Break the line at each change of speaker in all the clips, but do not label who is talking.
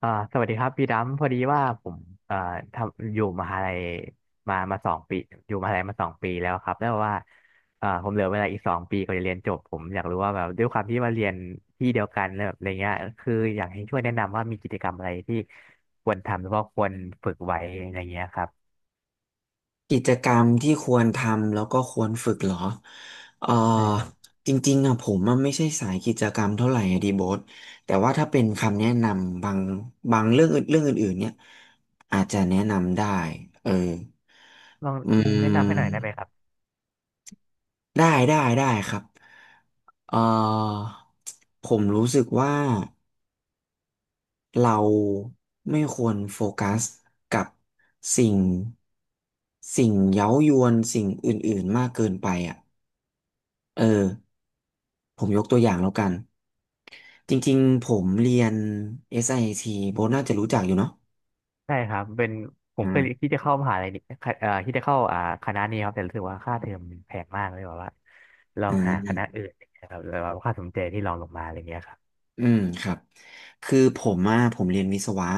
อ่าสวัสดีครับพี่ดำพอดีว่าผมเอ่อทำอยู่มหาลัยมาสองปีอยู่มหาลัยมาสองปีแล้วครับแล้วว่าผมเหลือเวลาอีกสองปีก็จะเรียนจบผมอยากรู้ว่าแบบด้วยความที่ว่าเรียนที่เดียวกันแล้วแบบอะไรเงี้ยคืออยากให้ช่วยแนะนำว่ามีกิจกรรมอะไรที่ควรทำหรือว่าควรฝึกไว้อะไรเงี้ยครับ
กิจกรรมที่ควรทำแล้วก็ควรฝึกเหรอ เอ่อ
ใช่ครับ
จริงๆอะผมอะไม่ใช่สายกิจกรรมเท่าไหร่อะดีโบทแต่ว่าถ้าเป็นคำแนะนำบางเรื่องอื่นเรื่องอื่นๆเนี่ยอาจจะแนะนำได้ เออ
ลอง
อืม
แนะนำให้
ม
หน่อยได้ไหมครับ
ได้ครับ เอ่อผมรู้สึกว่าเราไม่ควรโฟกัสกับสิ่งสิ่งเย้ายวนสิ่งอื่นๆมากเกินไปอ่ะ เออผมยกตัวอย่างแล้วกันจริงๆผมเรียน SIT โบทน่าจะรู้จักอยู่เนาะ
ใช่ครับเป็นผมเคยที่
อ่า
จะเข้ามหาลัยนี่ที่จะเข้าคณะนี้ครับแต่รู้สึกว่าค่าเทอมมันแพงมากเลยแบบว่าลอ
อ่
งหาคณะ
า
อื่นนะไรเงี้ยครับแล้วว่าค่าสมเจที่ลองลงมาอะไรเงี้ยครับ
อืมครับคือผมอะผมเรียนวิศวะ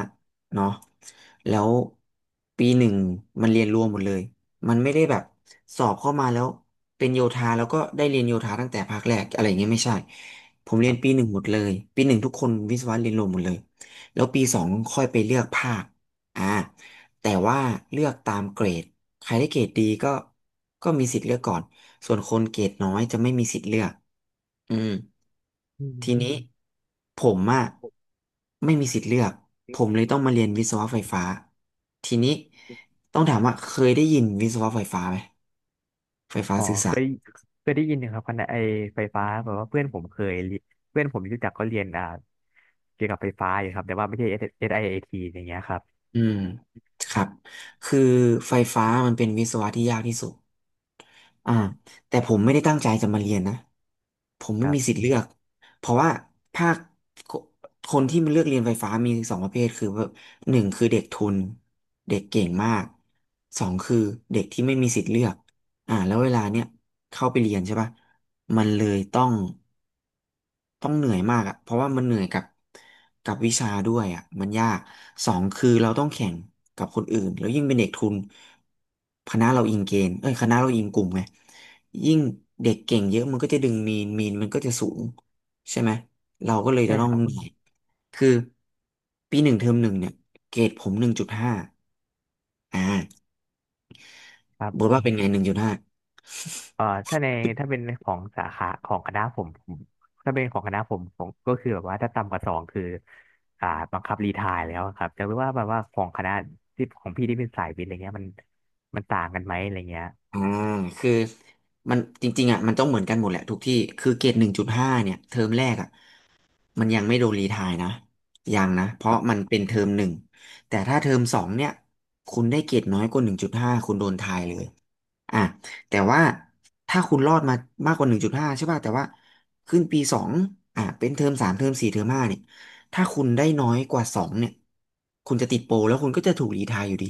เนาะแล้วปีหนึ่งมันเรียนรวมหมดเลยมันไม่ได้แบบสอบเข้ามาแล้วเป็นโยธาแล้วก็ได้เรียนโยธาตั้งแต่ภาคแรกอะไรอย่างเงี้ยไม่ใช่ผม
ค
เรียน
รั
ปีห
บ
นึ่งหมดเลยปีหนึ่งทุกคนวิศวะเรียนรวมหมดเลยแล้วปีสองค่อยไปเลือกภาคอ่าแต่ว่าเลือกตามเกรดใครได้เกรดดีก็มีสิทธิ์เลือกก่อน ส่วนคนเกรดน้อยจะไม่มีสิทธิ์เลือกอืม
อืม
ทีนี้ผมอะไม่มีสิทธิ์เลือกผมเลยต้องมาเรียนวิศวะไฟฟ้าทีนี้ต้องถามว่าเคยได้ยินวิศวะไฟฟ้าไหมไฟฟ้า
อ๋อ
สื่อ
เค
สาร
ยเคยได้ยินนะครับคณะไอไฟฟ้าแบบว่าเพื่อนผมเคยเรียเพื่อนผมที่รู้จักก็เรียนเกี่ยวกับไฟฟ้าอยู่ครับแต่ว่าไม่ใช่ SIAT อสไอเอทีอย่างเงี้ยครับ
อืมครับคือไฟฟ้ามันเป็นวิศวะที่ยากที่สุดอ่าแต่ผมไม่ได้ตั้งใจจะมาเรียนนะผม
ค
ไม่
รั
มีสิ
บ
ทธิ์เลือกเพราะว่าภาคคคนที่มันเลือกเรียนไฟฟ้ามีสองประเภทคือแบบหนึ่งคือเด็กทุนเด็กเก่งมากสองคือเด็กที่ไม่มีสิทธิ์เลือกอ่าแล้วเวลาเนี้ยเข้าไปเรียนใช่ปะมันเลยต้องเหนื่อยมากอ่ะเพราะว่ามันเหนื่อยกับวิชาด้วยอ่ะมันยากสองคือเราต้องแข่งกับคนอื่นแล้วยิ่งเป็นเด็กทุนคณะเราอิงเกณฑ์เอ้ยคณะเราอิงกลุ่มไงยิ่งเด็กเก่งเยอะมันก็จะดึงมีนมันก็จะสูงใช่ไหมเราก็เลย
ใช่
จะต้อ
ค
ง
รับ
เหนื่อยคือปีหนึ่งเทอมหนึ่งเนี่ยเกรดผมหนึ่งจุดห้าอ่า
ครั
บอก
บ
ว่าเป็นไงหนึ่งจุดห้า
เอ่อถ้าในถ้าเป็นของสาขาของคณะผมถ้าเป็นของคณะผมผมก็คือแบบว่าถ้าต่ำกว่าสองคืออ่าบังคับรีไทร์แล้วครับจะรู้ว่าแบบว่าของคณะที่ของพี่ที่เป็นสายวิทย์อะไรเงี้ยมันต่างกันไหมอะไรเงี้ย
อ่าคือมันจริงๆอ่ะมันต้องเหมือนกันหมดแหละทุกที่คือเกรดหนึ่งจุดห้าเนี่ยเทอมแรกอ่ะมันยังไม่โดนรีไทร์นะยังนะเพราะมันเป็นเทอมหนึ่งแต่ถ้าเทอมสองเนี่ยคุณได้เกรดน้อยกว่าหนึ่งจุดห้าคุณโดนไทร์เลยอ่ะแต่ว่าถ้าคุณรอดมามากกว่าหนึ่งจุดห้าใช่ป่ะแต่ว่าขึ้นปีสองอ่ะเป็นเทอมสามเทอมสี่เทอมห้าเนี่ยถ้าคุณได้น้อยกว่าสองเนี่ยคุณจะติดโปรแล้วคุณก็จะถูกรีไทร์อยู่ดี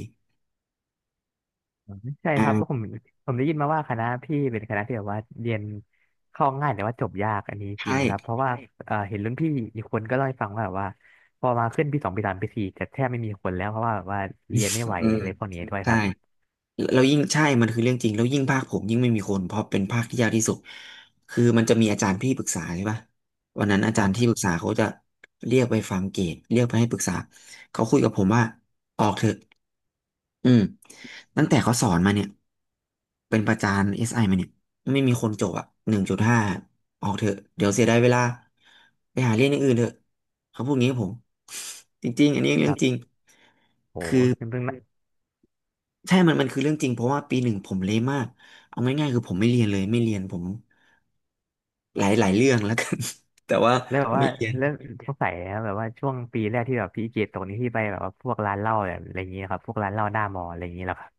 อืมใช่ครับแล้ว
อ่า
ผมได้ยินมาว่าคณะพี่เป็นคณะที่แบบว่าเรียนเข้าง่ายแต่ว่าจบยากอันนี้จริง
ใช่
ไหมครับเพราะว่าเห็นรุ่นพี่อีกคนก็เล่าให้ฟังว่าแบบว่าพอมาขึ้นปีสองปีสามปีสี่จะแทบไม่มีคนแล้วเพราะว่าแบบว่าเรียนไม่ไหว
เอ
อะ
อ
ไรพวกนี้ด้วยค
ใช่
รับ
แล้วยิ่งใช่มันคือเรื่องจริงแล้วยิ่งภาคผมยิ่งไม่มีคน เพราะเป็นภาคที่ยากที่สุดคือมันจะมีอาจารย์ที่ปรึกษาใช่ปะวันนั้นอา
ค
จา
รั
รย์ที่ป
บ
รึกษาเขาจะเรียกไปฟังเกรดเรียกไปให้ปรึกษาเขาคุยกับผมว่าออกเถอะอืมตั้งแต่เขาสอนมาเนี่ยเป็นประจานเอสไอมาเนี่ยไม่มีคนจบอ่ะหนึ่งจุดห้าออกเถอะเดี๋ยวเสียดายเวลาไปหาเรียนอย่างอื่นเถอะเขาพูดงี้กับผม จริงๆอันนี้เรื่
ค
อง
รั
จริ
บ
ง
โหซึ่ง
ใช่มันคือเรื่องจริงเพราะว่าปีหนึ่งผมเละมากเอาง่ายๆคือผมไม่เรียนเลยไม่เรียนผมหลายเรื่องแล้วกัน แต่ว่า
แล้วแบบว่า
ไม่เรียน
แล้วสงสัยนะครับแบบว่าช่วงปีแรกที่แบบพี่เกตตกนี้ที่ไปแบบว่าพวกร้านเหล้าแบบอะไรอย่างนี้ครับพวกร้านเหล้าหน้ามออะไรอย่างนี้แล้วครับ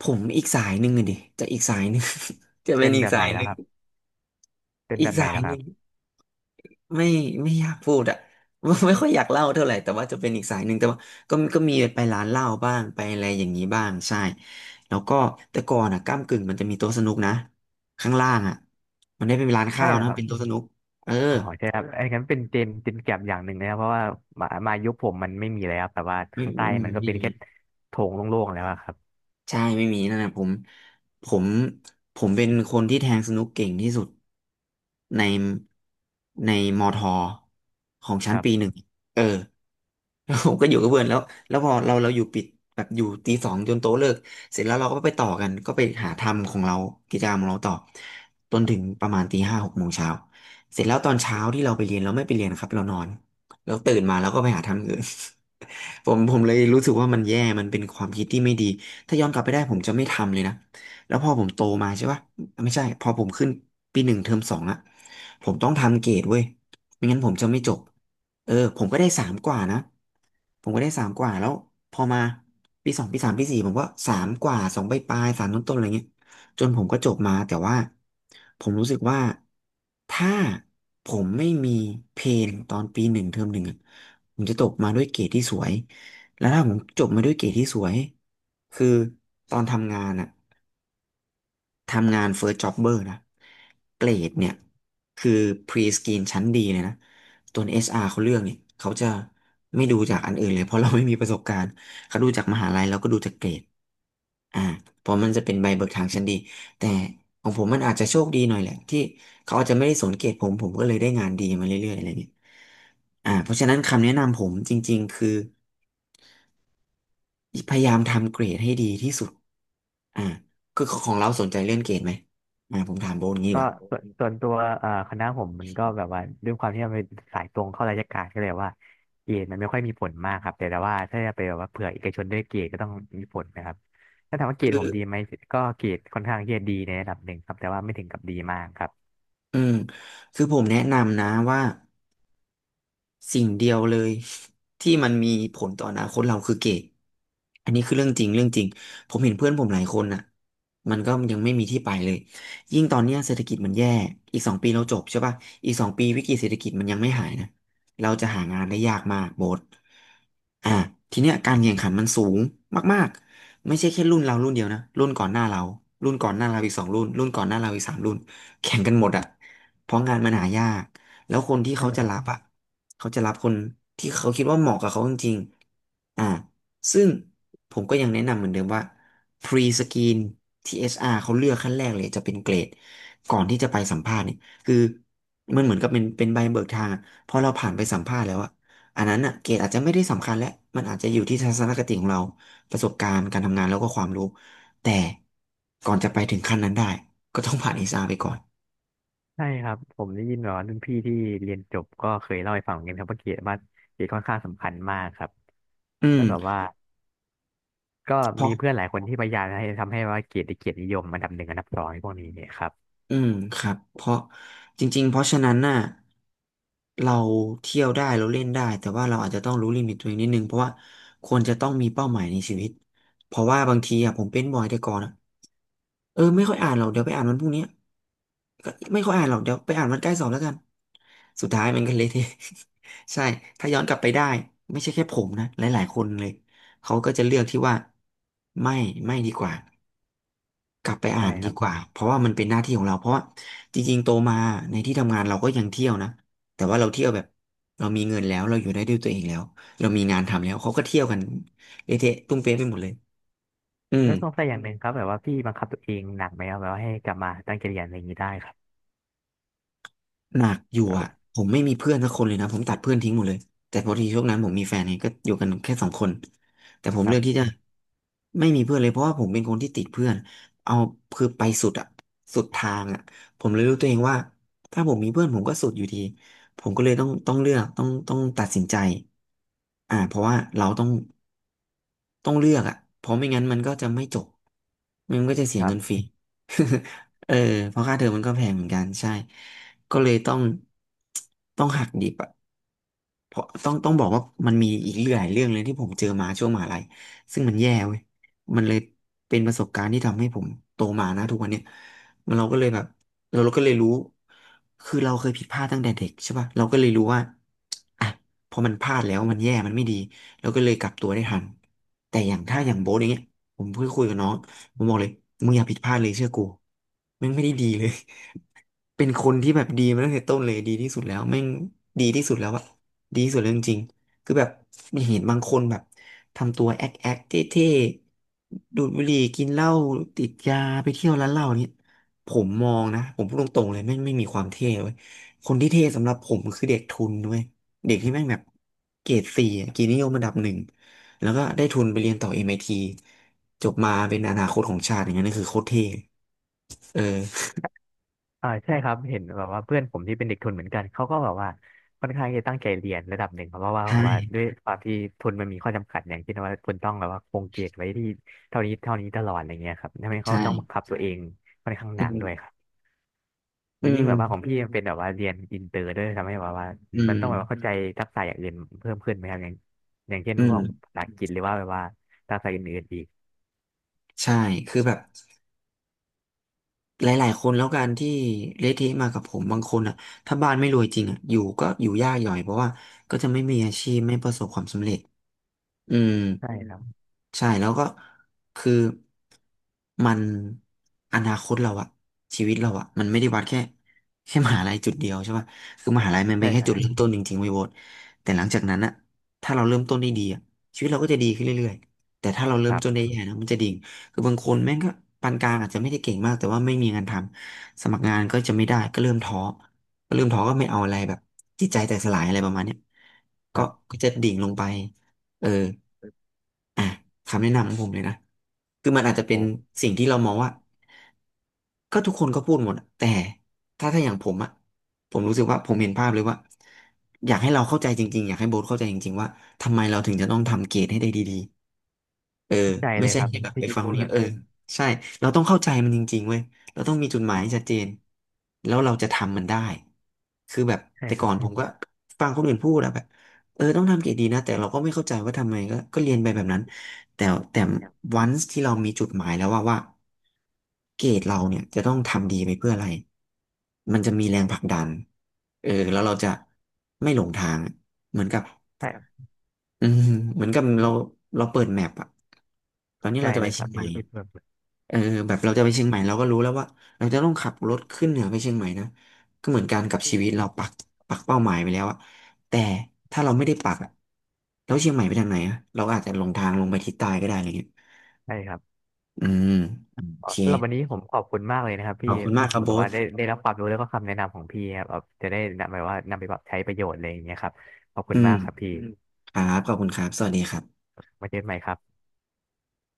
ผมอีกสายหนึ่งอะดิจะอีกสายหนึ่ง จะเป็
เป็
น
น
อี
แบ
ก
บ
สา
ไหน
ยห
แล้ว
นึ่ง
ครับเป็น
อี
แบ
ก
บไหน
สาย
แล้วค
ห
รั
นึ่
บ
งไม่ไม่อยากพูดอะ ไม่ค่อยอยากเล่าเท่าไหร่แต่ว่าจะเป็นอีกสายหนึ่งแต่ว่าก็มีไปร้านเหล้าบ้างไปอะไรอย่างนี้บ้างใช่แล้วก็แต่ก่อนอะก้ำกึ่งมันจะมีโต๊ะสนุกนะข้างล่างอะมันได้เป็นร้าน
ใช่
ข้าว
แล้ว
นะ
ครับ
เป็นโต๊ะสนุกเออ
อ๋อใช่ครับอไอ้นั้นเป็นเจนแก็บอย่างหนึ่งนะครับเพราะว่ามายุคผมมันไม่มีแล้วครับแต่ว่า
ไม่
ข้างใต้
ไม่ไม่
มันก็
มี
เป็นแค่โถงโล่งๆแล้วอะครับ
ใช่ไม่มีนั่นนะผมผมผมเป็นคนที่แทงสนุกเก่งที่สุดในในมอทอของ
ค
ชั้น
รั
ปี
บ
หนึ่งเออแล้วผมก็อยู่กับเพื่อนแล้วแล้วพอเราอยู่ปิดแบบอยู่ตีสองจนโต๊ะเลิกเสร็จแล้วเราก็ไปต่อกันก็ไปหาทำของเรากิจกรรมของเราต่อจนถึงประมาณตีห้าหกโมงเช้าเสร็จแล้วตอนเช้าที่เราไปเรียนเราไม่ไปเรียนนะครับเรานอนแล้วตื่นมาเราก็ไปหาทำอย่างอื่น ผมเลยรู้สึกว่ามันแย่มันเป็นความคิดที่ไม่ดี ถ้าย้อนกลับไปได้ผมจะไม่ทำเลยนะแล้วพอผมโตมาใช่ปะไม่ใช่พอผมขึ้นปีหนึ่งเทอมสองอะผมต้องทำเกรดเว้ยไม่งั้นผมจะไม่จบเออผมก็ได้สามกว่านะผมก็ได้สามกว่าแล้วพอมาปีสองปีสามปีสี่ผมก็สามกว่าสองปลายปลายสามต้นต้นๆอะไรเงี้ย จนผมก็จบมาแต่ว่าผมรู้สึกว่าถ้าผมไม่มีเพนตอนปีหนึ่งเทอมหนึ่งอะผมจะจบมาด้วยเกรดที่สวยแล้วถ้าผมจบมาด้วยเกรดที่สวยคือตอนทำงานอะ ทำงาน First Jobber นะเกรดเนี่ยคือ Pre-screen ชั้นดีเลยนะตัวเอสอาร เขาเลือกเนี่ยเขาจะไม่ดูจากอันอื่นเลยเพราะเราไม่มีประสบการณ์เขาดูจากมหาลัยแล้วก็ดูจากเกรดอ่าเพราะมันจะเป็นใบเบิกทางชั้นดีแต่ของผมมันอาจจะโชคดีหน่อยแหละที่เขาอาจจะไม่ได้สนเกรดผมก็เลยได้งานดีมาเรื่อยๆอะไรเงี้ยอ่าเพราะฉะนั้นคำแนะนำผมจริงๆคือ พยายามทำเกรดให้ดีที่สุดอ่าคือของเราสนใจเรื่องเกรดไหมอ่าผมถามโบนงี้ดี
ก็
กว่า
ส่วนตัวคณะผมมันก็แบบว่าด้วยความที่มันเป็นสายตรงเข้าราชการก็เลยว่าเกรดมันไม่ค่อยมีผลมากครับแต่ว่าถ้าจะไปแบบว่าเผื่อเอกชนด้วยเกรดก็ต้องมีผลนะครับถ้าถามว่าเกร
คื
ด
อ
ผมดีไหมก็เกรดค่อนข้างที่จะดีในระดับหนึ่งครับแต่ว่าไม่ถึงกับดีมากครับ
อืมคือผมแนะนำนะว่า สิ่งเดียวเลยที่มันมีผลต่ออนาคตเราคือเกรดอันนี้คือเรื่องจริงเรื่องจริงผมเห็นเพื่อนผมหลายคนน่ะมันก็ยังไม่มีที่ไปเลยยิ่งตอนเนี้ยเศรษฐกิจมันแย่ อีกสองปีเราจบใช่ป่ะอีกสองปีวิกฤตเศรษฐกิจมันยังไม่หายนะเราจะหางานได้ยากมากโบสอ่ะ ทีเนี้ยการแข่งขันมันสูงมากๆไม่ใช่แค่รุ่นเรารุ่นเดียวนะรุ่นก่อนหน้าเรารุ่นก่อนหน้าเราอีกสองรุ่นรุ่นก่อนหน้าเราอีกสามรุ่นแข่งกันหมดอ่ะเพราะงานมันหายาก แล้วคนที่
ใช่
เขา
ค
จะ
รับ
รับอ่ะเขาจะรับคนที่เขาคิดว่าเหมาะกับเขาจริงๆอ่าซึ่งผมก็ยังแนะนำเหมือนเดิมว่า pre screen าร เขาเลือกขั้นแรกเลยจะเป็นเกรดก่อนที่จะไปสัมภาษณ์เนี่ยคือมันเหมือนกับเป็นใบเบิกทางอะพอเราผ่านไปสัมภาษณ์แล้วอ่ะอันนั้นอ่ะเกรดอาจจะไม่ได้สำคัญแล้วมันอาจจะอยู่ที่ทัศนคติของเราประสบการณ์การทำงานแล้วก็ความรู้แต่ก่อนจะไปถึงขั้นนั้นได้ก็ต้องผ่านเอชอาร ไปก่อน
ใช่ครับผมได้ยินแบบว่ารุ่นพี่ที่เรียนจบก็เคยเล่าให้ฟังเหมือนกันครับว่าเกรดค่อนข้างสำคัญมากครับ
อื
แล้วแบบ
ม
ว่าก็
เพ
มี
ราะ
เพื่อนหลายคนที่พยายามให้ทำให้ว่าเกรดได้เกียรตินิยมอันดับหนึ่งอันดับสองในพวกนี้เนี่ยครับ
อืมครับเพราะจริงๆเพราะฉะนั้นน่ะเราเที่ยวได้เราเล่นได้แต่ว่าเราอาจจะต้องรู้ลิมิตตัวเองนิดนึงเพราะว่าควรจะต้องมีเป้าหมายในชีวิตเพราะว่าบางทีอ่ะผมเป็นบ่อยแต่ก่อนอ่ะเออไม่ค่อยอ่านหรอกเดี๋ยวไปอ่านวันพรุ่งนี้ก็ไม่ค่อยอ่านหรอกเดี๋ยวไปอ่านวันใกล้สอบแล้วกันสุดท้ายมันก็เละเทะ ใช่ถ้าย้อนกลับไปได้ไม่ใช่แค่ผมนะหลายๆคนเลยเขาก็จะเลือกที่ว่าไม่ไม่ดีกว่า กลับไปอ่า
ใช่
น
ค
ดี
รับ
กว่าเพราะว่ามันเป็นหน้าที่ของเราเพราะว่าจริงๆโตมาในที่ทำงานเราก็ยังเที่ยวนะแต่ว่าเราเที่ยวแบบเรามีเงินแล้วเราอยู่ได้ด้วยตัวเองแล้วเรามีงานทำแล้วเขาก็เที่ยวกันเละเทะตุ้มเป๊ะไปหมดเลยอืม
แล้วสงสัยอย่างหนึ่งครับแบบว่าพี่บังคับตัวเองหนักไหมครับแบบว่าให้กลับมาตั้งใจเรียนอะไรอย่างนี้ได้ครับ
หนักอยู่
แบ
อ่ะ
บ
ผมไม่มีเพื่อนสักคนเลยนะผมตัดเพื่อนทิ้งหมดเลยแต่พอดีช่วงนั้นผมมีแฟนไงก็อยู่กันแค่สองคนแต่ผม
ค
เลื
รั
อกที่
บ
จะไม่มีเพื่อนเลยเพราะว่าผมเป็นคนที่ติดเพื่อนเอาคือไปสุดอ่ะสุดทางอ่ะผมเลยรู้ตัวเองว่าถ้าผมมีเพื่อนผมก็สุดอยู่ดีผมก็เลยต้องเลือกต้องตัดสินใจอ่าเพราะว่าเราต้อง ต้องเลือกอ่ะเพราะไม่งั้นมันก็จะไม่จบ มันก็จะเสี
ค
ย
รั
เงินฟรี
บ
เออ เพราะค่าเทอมมันก็แพงเหมือนกันใช่ ก็เลยต้องหักดิบอ่ะ เพราะต้องบอกว่ามันมีอีกหลายเรื่องเลยที่ผมเจอมาช่วงมหาลัยซึ่งมันแย่เว้ยมันเลยเป็นประสบการณ์ที่ทำให้ผมโตมานะทุกวันเนี้ยมันเราก็เลยแบบเราก็เลยรู้คือเราเคยผิดพลาดตั้งแต่เด็กใช่ป่ะเราก็เลยรู้ว่าอ่ะพอมันพลาดแล้วมันแย่มันไม่ดีเราก็เลยกลับตัวได้ทันแต่อย่างถ้าอย่างโบ๊ทอย่างเงี้ยผมเพิ่งคุยกับน้องผมบอกเลยมึงอย่าผิดพลาดเลยเชื่อกูแม่งไม่ได้ดีเลย เป็นคนที่แบบดีมาตั้งแต่ต้นเลยดีที่สุดแล้วแม่งดีที่สุดแล้วอะ ดีที่สุดเลยจริงๆคือแบบมีเห็นบางคนแบบทำตัวแอ๊กแอ๊กเท่ๆดูดบุหรี่กินเหล้าติดยาไปเที่ยวร้านเหล้าเนี่ยผมมองนะผมพูดตรงๆเลยไม่มีความเท่เว้ยคนที่เท่สำหรับผมคือเด็กทุนด้วยเด็กที่แม่งแบบเกรดสี่อะเกียรตินิยมระดับหนึ่งแล้วก็ได้ทุนไปเรียนต่อ MIT จบมาเป็นอนาคตของชาติอย่างนั้นนี่นคือโคตรเท่เออ
ใช่ครับเห็นแบบว่าเพื่อนผมที่เป็นเด็กทุนเหมือนกันเขาก็แบบว่าค่อนข้างจะตั้งใจเรียนระดับหนึ่งครับเพราะว่า
ใช
แบบว่า
่
ด้วยความที่ทุนมันมีข้อจำกัดอย่างเช่นว่าคุณต้องแบบว่าคงเกรดไว้ที่เท่านี้เท่านี้ตลอดอะไรเงี้ยครับทำให้เขา
ใช่
ต้องบังคับตัวเองค่อนข้างห
อื
นักด้วยค
ม
รับ
อื
แล้วยิ่
ม
งแบบว่าของพี่มันเป็นแบบว่าเรียนอินเตอร์ด้วยทำให้แบบว่า
อื
มั
ม
นต้องแบบว่าเข้าใจทักษะอย่างอื่นเพิ่มขึ้นไหมครับอย่างอย่างเช่น
อื
พว
ม
กภาษาอังกฤษหรือว่าแบบว่าภาษาอื่นๆอีก
ใช่คือแบบ หลายๆคนแล้วกันที่เละเทะมากับผมบางคนอ่ะถ้าบ้านไม่รวยจริงอ่ะอยู่ก็อยู่ยากหย่อยเพราะว่าก็จะไม่มีอาชีพไม่ประสบความสำเร็จอืม
ใช่ครับ
ใช่แล้วก็คือมันอนาคตเราอะชีวิตเราอะมันไม่ได้วัดแค่แค่มหาลัยจุดเดียวใช่ป่ะคือมหาลัยมันเป็
ใช่
นแค่
ครับ
จุ
น
ดเริ่ม
น
ต้นจริงๆเว้ยโบ๊ทแต่หลังจากนั้นอะถ้าเราเริ่มต้นได้ดีอะชีวิตเราก็จะดีขึ้นเรื่อยๆแต่ถ้าเราเริ่
ค
ม
รั
ต้นได้
บ
แย่นะมันจะดิ่งคือบางคนแม่งก็ปานกลางอาจจะไม่ได้เก่งมากแต่ว่าไม่มีงานทำสมัครงานก็จะไม่ได้ก็เริ่มท้อก็ไม่เอาอะไรแบบจิตใจแตกสลายอะไรประมาณเนี้ย
ค
ก็
รับ
ก็จะดิ่งลงไปเออ อ่ะคำแนะนำของผมเลยนะคือมันอาจจะเป็น
โห
สิ่งที่เรามองว่าก็ทุกคนก็พูดหมดอะแต่ถ้าอย่างผมอะผมรู้สึกว่าผมเห็นภาพเลยว่าอยากให้เราเข้าใจจริงๆอยากให้โบ๊ทเข้าใจจริงๆว่าทำไมเราถึงจะต้องทำเกรดให้ได้ดี เออ
เข้าใจ
ไม่
เลย
ใช่
ครับ
แค่แบบ
ที่
ไป
ที่
ฟังค
พู
น
ด
นี้
แบบ
เออ
เนี้ย
ใช่เราต้องเข้าใจมันจริงๆเว้ยเราต้องมีจุดหมายที่ชัดเจนแล้วเราจะทำมันได้คือแบบ
ใช่
แต่
ค
ก่อ
รั
น
บ
ผมก็ฟังคนอื่นพูดแล้วแบบเออต้องทำเกรดดีนะแต่เราก็ไม่เข้าใจว่าทำไมก็เรียนไปแบบนั้นแต่แต่
ย
วันที่เรา
ก
มีจุดหมายแล้วว่าเกรดเราเนี่ยจะต้องทำดีไปเพื่ออะไรมันจะมีแรงผลักดันเออแล้วเราจะไม่หลงทางเหมือนกับ
ใช่แ
อืมเหมือนกับเราเราเปิดแมปอะตอนนี้
ใจ
เราจะ
เล
ไป
ยค
เชี
รั
ย
บ
งให
ที่
ม่
พี่เพูดแบบนี้
เออแบบเราจะไปเชียงใหม่เราก็รู้แล้วว่าเราจะต้องขับรถขึ้นเหนือไปเชียงใหม่นะก็เหมือนกันกับชีวิตเราปักเป้าหมายไปแล้วอะแต่ถ้าเราไม่ได้ปักอะแล้วเชียงใหม่ไปทางไหนอะเราอาจจะหลงทางลงไปทิศใต้ก็ได้อะไรเงี้ย
ใช่ครับ
อืมโอ
อ๋อ
เค
สำหรับวันนี้ผมขอบคุณมากเลยนะครับ
ข
พี่
อบคุณมากครับ
แบ
โบ๊
บว่า
ท
ได้รับความรู้แล้วก็คำแนะนำของพี่ครับแบบจะได้นำไปปรับใช้ประโยชน์อะไรอย่างเงี้ยครับขอบคุ
อื
ณ
ม
มากครับพี่ม
ครับขอบคุณครับสวัสดีครับ
มาเจอกันใหม่ครับ